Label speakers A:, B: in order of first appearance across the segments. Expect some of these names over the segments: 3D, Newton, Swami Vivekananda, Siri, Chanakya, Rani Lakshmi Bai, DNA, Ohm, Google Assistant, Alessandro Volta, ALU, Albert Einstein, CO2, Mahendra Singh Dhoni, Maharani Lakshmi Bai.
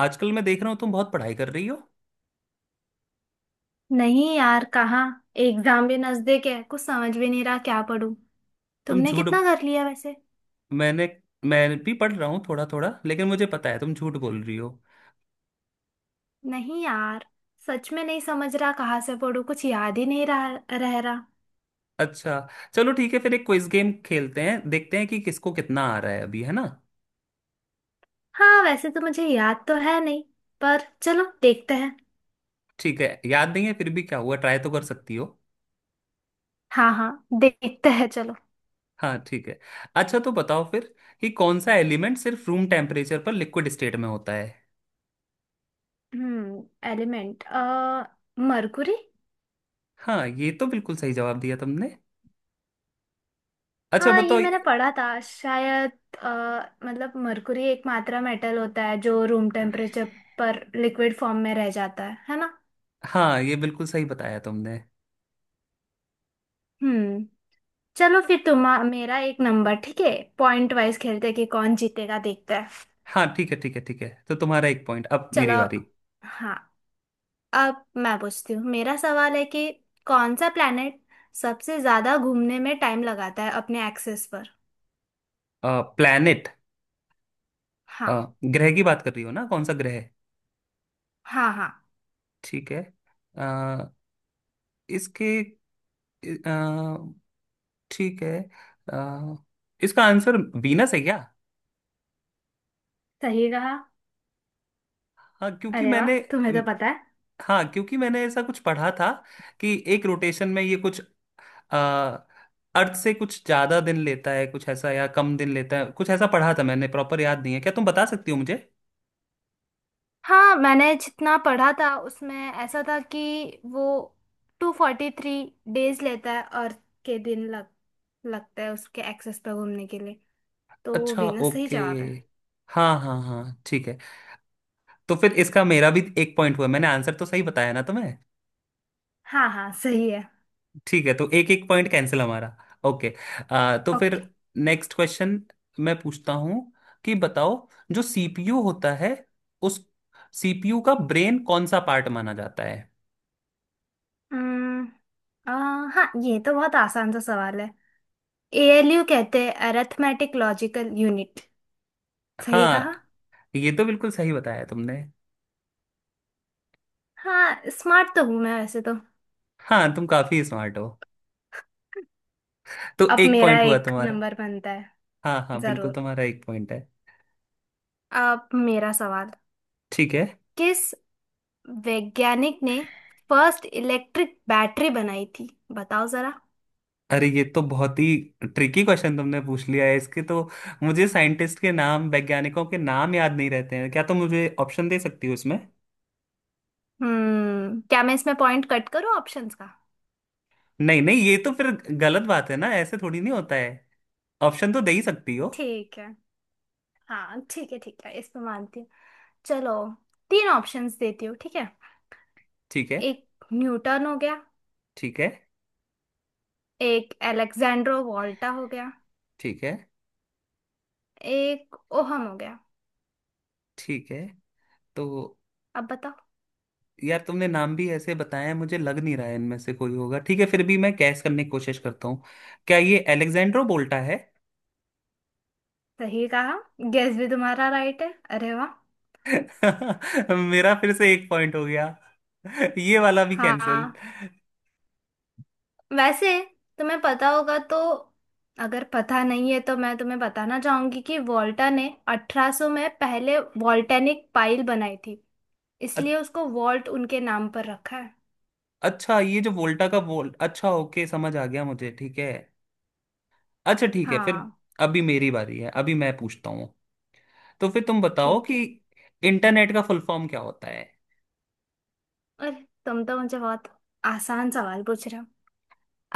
A: आजकल मैं देख रहा हूँ तुम बहुत पढ़ाई कर रही हो।
B: नहीं यार, कहाँ। एग्जाम भी नजदीक है, कुछ समझ भी नहीं रहा क्या पढूं।
A: तुम
B: तुमने
A: झूठ
B: कितना कर लिया वैसे?
A: मैंने मैं भी पढ़ रहा हूँ थोड़ा थोड़ा लेकिन मुझे पता है तुम झूठ बोल रही हो।
B: नहीं यार, सच में नहीं समझ रहा कहाँ से पढूं, कुछ याद ही नहीं रहा रह रहा
A: अच्छा चलो ठीक है फिर एक क्विज गेम खेलते हैं देखते हैं कि किसको कितना आ रहा है अभी है ना।
B: हाँ, वैसे तो मुझे याद तो है नहीं, पर चलो देखते हैं।
A: ठीक है याद नहीं है फिर भी क्या हुआ ट्राई तो कर सकती हो।
B: हाँ हाँ, देखते हैं चलो।
A: हाँ ठीक है। अच्छा तो बताओ फिर कि कौन सा एलिमेंट सिर्फ रूम टेम्परेचर पर लिक्विड स्टेट में होता है।
B: Element Mercury.
A: हाँ ये तो बिल्कुल सही जवाब दिया तुमने। अच्छा
B: हाँ, ये
A: बताओ।
B: मैंने पढ़ा था शायद। अ, मतलब मरकुरी एक मात्रा मेटल होता है जो रूम टेम्परेचर पर लिक्विड फॉर्म में रह जाता है ना।
A: हाँ ये बिल्कुल सही बताया तुमने।
B: हम्म। चलो फिर तुम मेरा एक नंबर, ठीक है। पॉइंट वाइज खेलते हैं कि कौन जीतेगा देखते हैं।
A: हाँ ठीक है ठीक है ठीक है तो तुम्हारा एक पॉइंट अब
B: चलो।
A: मेरी बारी।
B: हाँ। अब मैं पूछती हूँ, मेरा सवाल है कि कौन सा प्लेनेट सबसे ज्यादा घूमने में टाइम लगाता है अपने एक्सिस पर।
A: प्लैनेट।
B: हाँ
A: ग्रह की बात कर रही हो ना कौन सा ग्रह है?
B: हाँ। हाँ,
A: ठीक है। अ, इसके अ, ठीक है अ, इसका आंसर वीनस है क्या।
B: सही कहा।
A: हाँ क्योंकि
B: अरे वाह,
A: मैंने
B: तुम्हें तो पता है।
A: हाँ क्योंकि मैंने ऐसा कुछ पढ़ा था कि एक रोटेशन में ये कुछ अ, अर्थ से कुछ ज्यादा दिन लेता है कुछ ऐसा या कम दिन लेता है कुछ ऐसा पढ़ा था मैंने प्रॉपर याद नहीं है क्या तुम बता सकती हो मुझे।
B: हाँ, मैंने जितना पढ़ा था उसमें ऐसा था कि वो 243 डेज लेता है, अर्थ के दिन लग लगता है उसके एक्सेस पर घूमने के लिए। तो
A: अच्छा
B: वीनस सही
A: ओके।
B: जवाब है।
A: हाँ हाँ हाँ ठीक है। तो फिर इसका मेरा भी एक पॉइंट हुआ मैंने आंसर तो सही बताया ना तुम्हें।
B: हाँ हाँ, सही है।
A: ठीक है तो एक एक पॉइंट कैंसिल हमारा। ओके। तो फिर
B: ओके।
A: नेक्स्ट क्वेश्चन मैं पूछता हूँ कि बताओ जो सीपीयू होता है उस सीपीयू का ब्रेन कौन सा पार्ट माना जाता है।
B: हम्म आ, हाँ, ये तो बहुत आसान सा सवाल है। एएलयू कहते हैं, अरिथमेटिक लॉजिकल यूनिट। सही
A: हाँ
B: कहा।
A: ये तो बिल्कुल सही बताया तुमने।
B: हाँ, स्मार्ट तो हूँ मैं वैसे तो।
A: हाँ तुम काफी स्मार्ट हो। तो
B: अब
A: एक
B: मेरा
A: पॉइंट हुआ
B: एक
A: तुम्हारा।
B: नंबर बनता है।
A: हाँ हाँ बिल्कुल
B: जरूर।
A: तुम्हारा एक पॉइंट है।
B: अब मेरा सवाल,
A: ठीक है।
B: किस वैज्ञानिक ने फर्स्ट इलेक्ट्रिक बैटरी बनाई थी, बताओ जरा।
A: अरे ये तो बहुत ही ट्रिकी क्वेश्चन तुमने पूछ लिया है इसके तो मुझे साइंटिस्ट के नाम वैज्ञानिकों के नाम याद नहीं रहते हैं क्या तुम मुझे ऑप्शन दे सकती हो इसमें।
B: क्या मैं इसमें पॉइंट कट करूं ऑप्शंस का?
A: नहीं नहीं ये तो फिर गलत बात है ना ऐसे थोड़ी नहीं होता है। ऑप्शन तो दे ही सकती हो।
B: ठीक है। हाँ ठीक है ठीक है, इस पे मानती हूँ। चलो, तीन ऑप्शंस देती हूँ, ठीक है।
A: ठीक है
B: एक न्यूटन हो गया।
A: ठीक है
B: एक अलेक्जेंड्रो वोल्टा हो गया।
A: ठीक है
B: एक ओहम हो गया।
A: ठीक है तो
B: अब बताओ।
A: यार तुमने नाम भी ऐसे बताया है, मुझे लग नहीं रहा है इनमें से कोई होगा ठीक है फिर भी मैं कैस करने की कोशिश करता हूँ। क्या ये एलेक्जेंड्रो बोल्टा है।
B: सही कहा। गेस भी तुम्हारा राइट है। अरे वाह।
A: मेरा फिर से एक पॉइंट हो गया। ये वाला भी कैंसिल।
B: हाँ। वैसे तुम्हें पता होगा तो, अगर पता नहीं है तो मैं तुम्हें बताना चाहूंगी कि वॉल्टा ने 1800 में पहले वॉल्टेनिक पाइल बनाई थी।
A: अ-
B: इसलिए उसको वॉल्ट उनके नाम पर रखा है।
A: अच्छा ये जो वोल्टा का वोल्ट अच्छा ओके समझ आ गया मुझे ठीक है। अच्छा ठीक है फिर।
B: हाँ।
A: अभी मेरी बारी है अभी मैं पूछता हूँ तो फिर तुम बताओ
B: ठीक
A: कि
B: है।
A: इंटरनेट का फुल फॉर्म क्या होता है।
B: अरे तुम तो मुझे बहुत आसान सवाल पूछ रहे हो।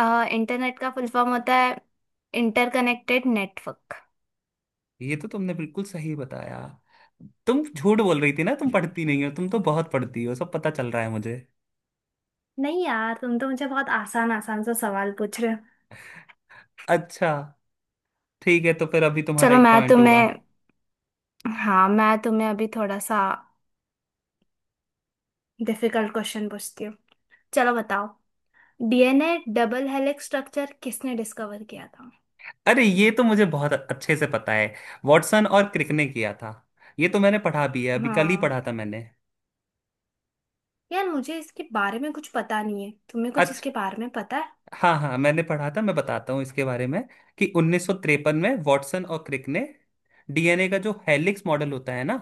B: इंटरनेट का फुल फॉर्म होता है इंटरकनेक्टेड नेटवर्क।
A: ये तो तुमने बिल्कुल सही बताया। तुम झूठ बोल रही थी ना तुम पढ़ती नहीं हो तुम तो बहुत पढ़ती हो सब पता चल रहा है मुझे।
B: नहीं यार, तुम तो मुझे बहुत आसान आसान सा सवाल पूछ रहे हो।
A: अच्छा। ठीक है तो फिर अभी तुम्हारा
B: चलो
A: एक
B: मैं
A: पॉइंट हुआ।
B: तुम्हें, हाँ मैं तुम्हें अभी थोड़ा सा डिफिकल्ट क्वेश्चन पूछती हूँ। चलो बताओ। डीएनए डबल हेलिक्स स्ट्रक्चर किसने डिस्कवर किया था?
A: अरे ये तो मुझे बहुत अच्छे से पता है। वॉटसन और क्रिक ने किया था। ये तो मैंने पढ़ा भी है अभी कल ही
B: हाँ,
A: पढ़ा था मैंने।
B: यार मुझे इसके बारे में कुछ पता नहीं है, तुम्हें कुछ
A: अच्छा।
B: इसके बारे में पता है?
A: हाँ हाँ मैंने पढ़ा था मैं बताता हूँ इसके बारे में कि 1953 में वॉटसन और क्रिक ने डीएनए का जो हेलिक्स मॉडल होता है ना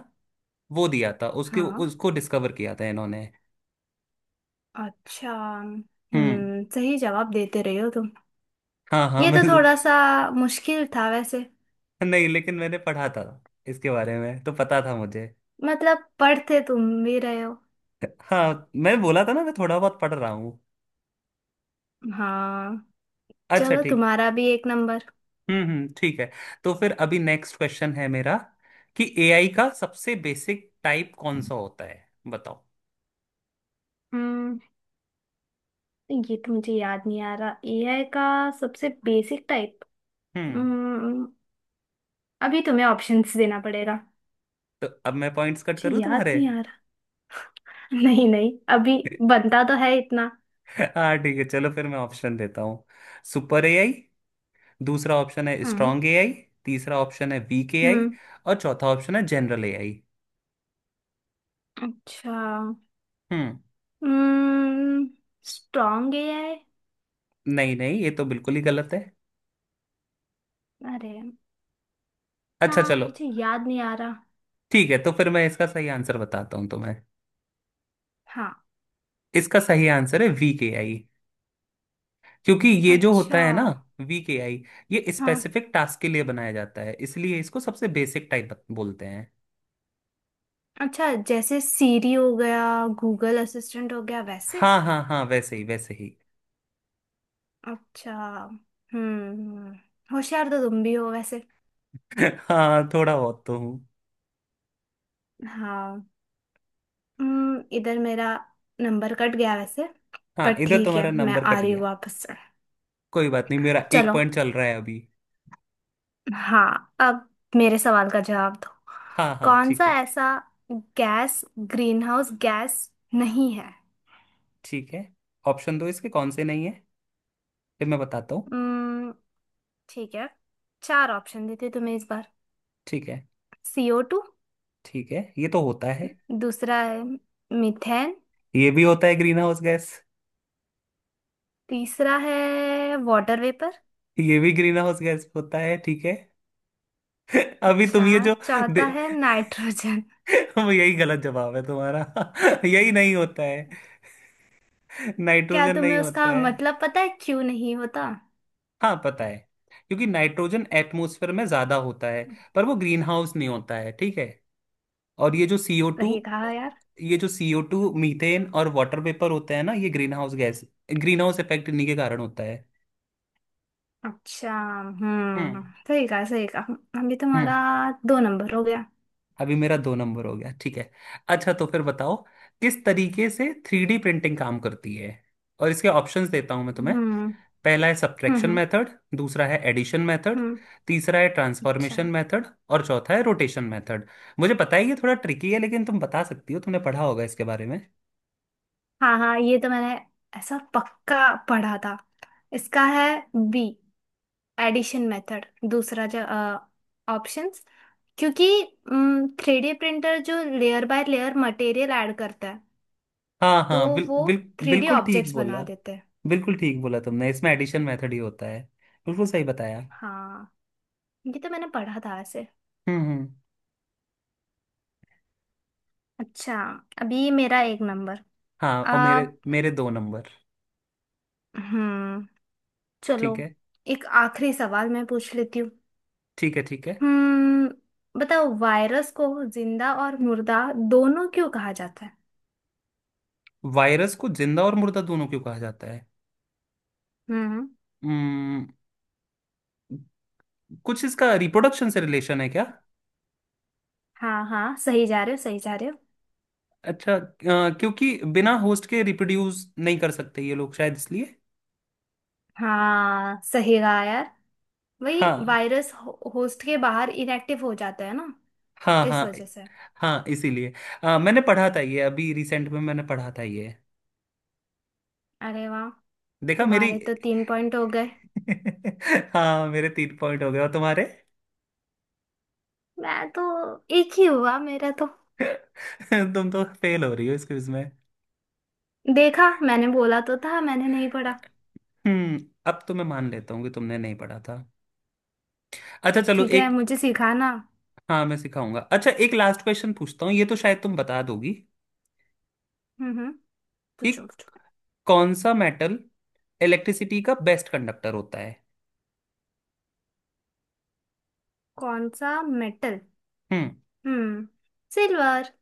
A: वो दिया था उसके
B: हाँ।
A: उसको डिस्कवर किया था इन्होंने।
B: अच्छा,
A: हम्म।
B: हम्म, सही जवाब देते रहे हो तुम।
A: हाँ हाँ
B: ये
A: मैं
B: तो थोड़ा सा मुश्किल था वैसे।
A: नहीं लेकिन मैंने पढ़ा था इसके बारे में तो पता था मुझे।
B: मतलब पढ़ते तुम भी रहे हो।
A: हाँ मैंने बोला था ना मैं थोड़ा बहुत पढ़ रहा हूँ।
B: हाँ।
A: अच्छा
B: चलो
A: ठीक।
B: तुम्हारा भी एक नंबर।
A: ठीक है। तो फिर अभी नेक्स्ट क्वेश्चन है मेरा कि एआई का सबसे बेसिक टाइप कौन सा होता है बताओ।
B: हम्म ये तो मुझे याद नहीं आ रहा, एआई का सबसे बेसिक टाइप।
A: हम्म।
B: हम्म। अभी तुम्हें ऑप्शंस देना पड़ेगा।
A: तो अब मैं पॉइंट्स कट
B: मुझे
A: करूँ
B: याद
A: तुम्हारे।
B: नहीं आ, नहीं नहीं अभी, बनता तो है इतना।
A: हाँ ठीक है चलो फिर मैं ऑप्शन देता हूँ। Super AI. दूसरा ऑप्शन है
B: हम्म।
A: Strong AI. तीसरा ऑप्शन है वीक एआई।
B: हम्म।
A: और चौथा ऑप्शन है जनरल एआई।
B: अच्छा।
A: हम्म।
B: हम्म। स्ट्रॉन्ग है ये?
A: नहीं नहीं ये तो बिल्कुल ही गलत है।
B: अरे,
A: अच्छा
B: यार
A: चलो।
B: मुझे याद नहीं आ रहा।
A: ठीक है तो फिर मैं इसका सही आंसर बताता हूँ तुम्हें।
B: हाँ।
A: इसका सही आंसर है वीक एआई। क्योंकि ये जो होता
B: अच्छा।
A: है ना वीक एआई ये
B: हाँ।
A: स्पेसिफिक टास्क के लिए बनाया जाता है इसलिए इसको सबसे बेसिक टाइप बोलते हैं।
B: अच्छा, जैसे सीरी हो गया, गूगल असिस्टेंट हो गया वैसे।
A: हाँ हाँ हाँ वैसे ही वैसे ही।
B: अच्छा। हम्म। होशियार तो तुम भी हो वैसे।
A: हाँ थोड़ा बहुत तो हूँ।
B: हाँ। इधर मेरा नंबर कट गया वैसे। पर
A: हाँ इधर
B: ठीक
A: तुम्हारा
B: है, मैं
A: नंबर
B: आ
A: कट
B: रही हूँ
A: गया।
B: वापस से।
A: कोई बात नहीं मेरा एक
B: चलो।
A: पॉइंट चल रहा है अभी।
B: हाँ, अब मेरे सवाल का जवाब दो।
A: हाँ हाँ
B: कौन
A: ठीक
B: सा
A: है।
B: ऐसा गैस ग्रीनहाउस गैस नहीं है?
A: ठीक है ऑप्शन दो इसके कौन से नहीं है फिर मैं बताता हूँ।
B: हम्म ठीक है, चार ऑप्शन देती हूँ तुम्हें इस बार।
A: ठीक है।
B: CO two.
A: ठीक है ये तो होता है।
B: दूसरा है मीथेन।
A: ये भी होता है ग्रीन हाउस गैस।
B: तीसरा है वाटर वेपर।
A: ये भी ग्रीन हाउस गैस होता है ठीक है। अभी तुम
B: अच्छा,
A: ये जो दे
B: चौथा है नाइट्रोजन।
A: वो यही गलत जवाब है तुम्हारा। यही नहीं होता है।
B: क्या
A: नाइट्रोजन नहीं
B: तुम्हें
A: होता
B: उसका
A: है।
B: मतलब पता है क्यों नहीं होता?
A: हाँ पता है। क्योंकि नाइट्रोजन एटमॉस्फेयर में ज्यादा होता है पर वो ग्रीन हाउस नहीं होता है ठीक है। और ये जो सीओ टू
B: सही कहा यार।
A: ये जो सीओ टू मीथेन और वाटर वेपर होता है ना ये green house gas. Green house effect इन्हीं के कारण होता है।
B: अच्छा,
A: हम्म।
B: हम्म। सही कहा सही कहा। अभी
A: हम्म।
B: तुम्हारा दो नंबर हो गया।
A: अभी मेरा दो नंबर हो गया ठीक है। अच्छा तो फिर बताओ किस तरीके से थ्री डी प्रिंटिंग काम करती है और इसके ऑप्शंस देता हूं मैं
B: हम्म
A: तुम्हें।
B: हम्म।
A: पहला है सब्ट्रैक्शन
B: हम्म।
A: मेथड। दूसरा है एडिशन मेथड।
B: हम्म।
A: तीसरा है
B: अच्छा।
A: ट्रांसफॉर्मेशन मेथड और चौथा है रोटेशन मेथड। मुझे पता है ये थोड़ा ट्रिकी है लेकिन तुम बता सकती हो तुमने पढ़ा होगा इसके बारे में।
B: हाँ हाँ, ये तो मैंने ऐसा पक्का पढ़ा था। इसका है बी, एडिशन मेथड, दूसरा जो ऑप्शंस, क्योंकि थ्री डी प्रिंटर जो layer by layer material add करता है,
A: हाँ
B: तो
A: हाँ बिल,
B: वो
A: बिल,
B: थ्री डी
A: बिल्कुल ठीक
B: ऑब्जेक्ट्स
A: बोला।
B: बना देते हैं।
A: बिल्कुल ठीक बोला तुमने इसमें एडिशन मेथड ही होता है। बिल्कुल सही बताया।
B: हाँ, ये तो मैंने पढ़ा था ऐसे।
A: हम्म।
B: अच्छा, अभी मेरा एक नंबर।
A: हाँ और
B: आ
A: मेरे मेरे दो नंबर।
B: हम्म। चलो
A: ठीक है
B: एक आखिरी सवाल मैं पूछ लेती हूँ।
A: ठीक है ठीक है।
B: बताओ, वायरस को जिंदा और मुर्दा दोनों क्यों कहा जाता है?
A: वायरस को जिंदा और मुर्दा दोनों क्यों कहा जाता है।
B: हम्म।
A: हम्म। कुछ इसका रिप्रोडक्शन से रिलेशन है क्या।
B: हाँ हाँ, सही जा रहे हो सही जा रहे हो।
A: अच्छा क्योंकि बिना होस्ट के रिप्रोड्यूस नहीं कर सकते ये लोग शायद इसलिए।
B: हाँ, सही कहा यार। वही
A: हाँ
B: वायरस होस्ट के बाहर इनएक्टिव हो जाता है ना।
A: हाँ
B: इस
A: हाँ।
B: वजह से।
A: हाँ इसीलिए मैंने पढ़ा था ये अभी रिसेंट में मैंने पढ़ा था ये।
B: अरे वाह,
A: देखा मेरी।
B: तुम्हारे तो तीन पॉइंट हो गए।
A: हाँ मेरे तीन पॉइंट हो गए और तुम्हारे।
B: मैं तो, एक ही हुआ मेरा तो।
A: तुम तो फेल हो रही हो इस क्विज में।
B: देखा, मैंने बोला तो था मैंने नहीं पढ़ा।
A: हम्म। अब तो मैं मान लेता हूँ कि तुमने नहीं पढ़ा था। अच्छा चलो
B: ठीक है,
A: एक।
B: मुझे सिखाना।
A: हाँ मैं सिखाऊंगा अच्छा एक लास्ट क्वेश्चन पूछता हूँ ये तो शायद तुम बता दोगी।
B: हम्म।
A: कि
B: पूछो पूछो।
A: कौन सा मेटल इलेक्ट्रिसिटी का बेस्ट कंडक्टर होता है।
B: कौन सा मेटल?
A: हम्म।
B: हम्म। सिल्वर।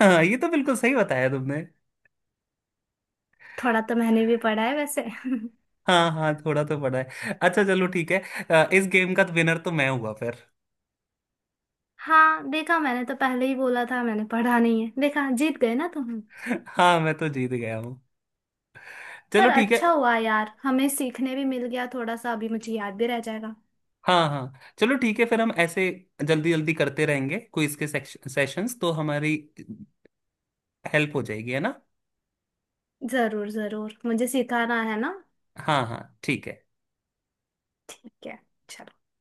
A: हाँ ये तो बिल्कुल सही बताया तुमने।
B: थोड़ा तो मैंने भी पढ़ा है वैसे
A: हाँ हाँ थोड़ा तो पढ़ा है अच्छा चलो ठीक है। इस गेम का विनर तो मैं हुआ फिर।
B: हाँ, देखा, मैंने तो पहले ही बोला था मैंने पढ़ा नहीं है, देखा जीत गए ना तुम।
A: हाँ मैं तो जीत गया हूँ। चलो
B: पर
A: ठीक है।
B: अच्छा हुआ यार, हमें सीखने भी मिल गया थोड़ा सा, अभी मुझे याद भी रह जाएगा।
A: हाँ हाँ। चलो ठीक है फिर हम ऐसे जल्दी जल्दी करते रहेंगे क्विज के सेशंस तो हमारी हेल्प हो जाएगी है ना।
B: जरूर जरूर, मुझे सिखाना है ना।
A: हाँ हाँ ठीक है।
B: ठीक है। चलो।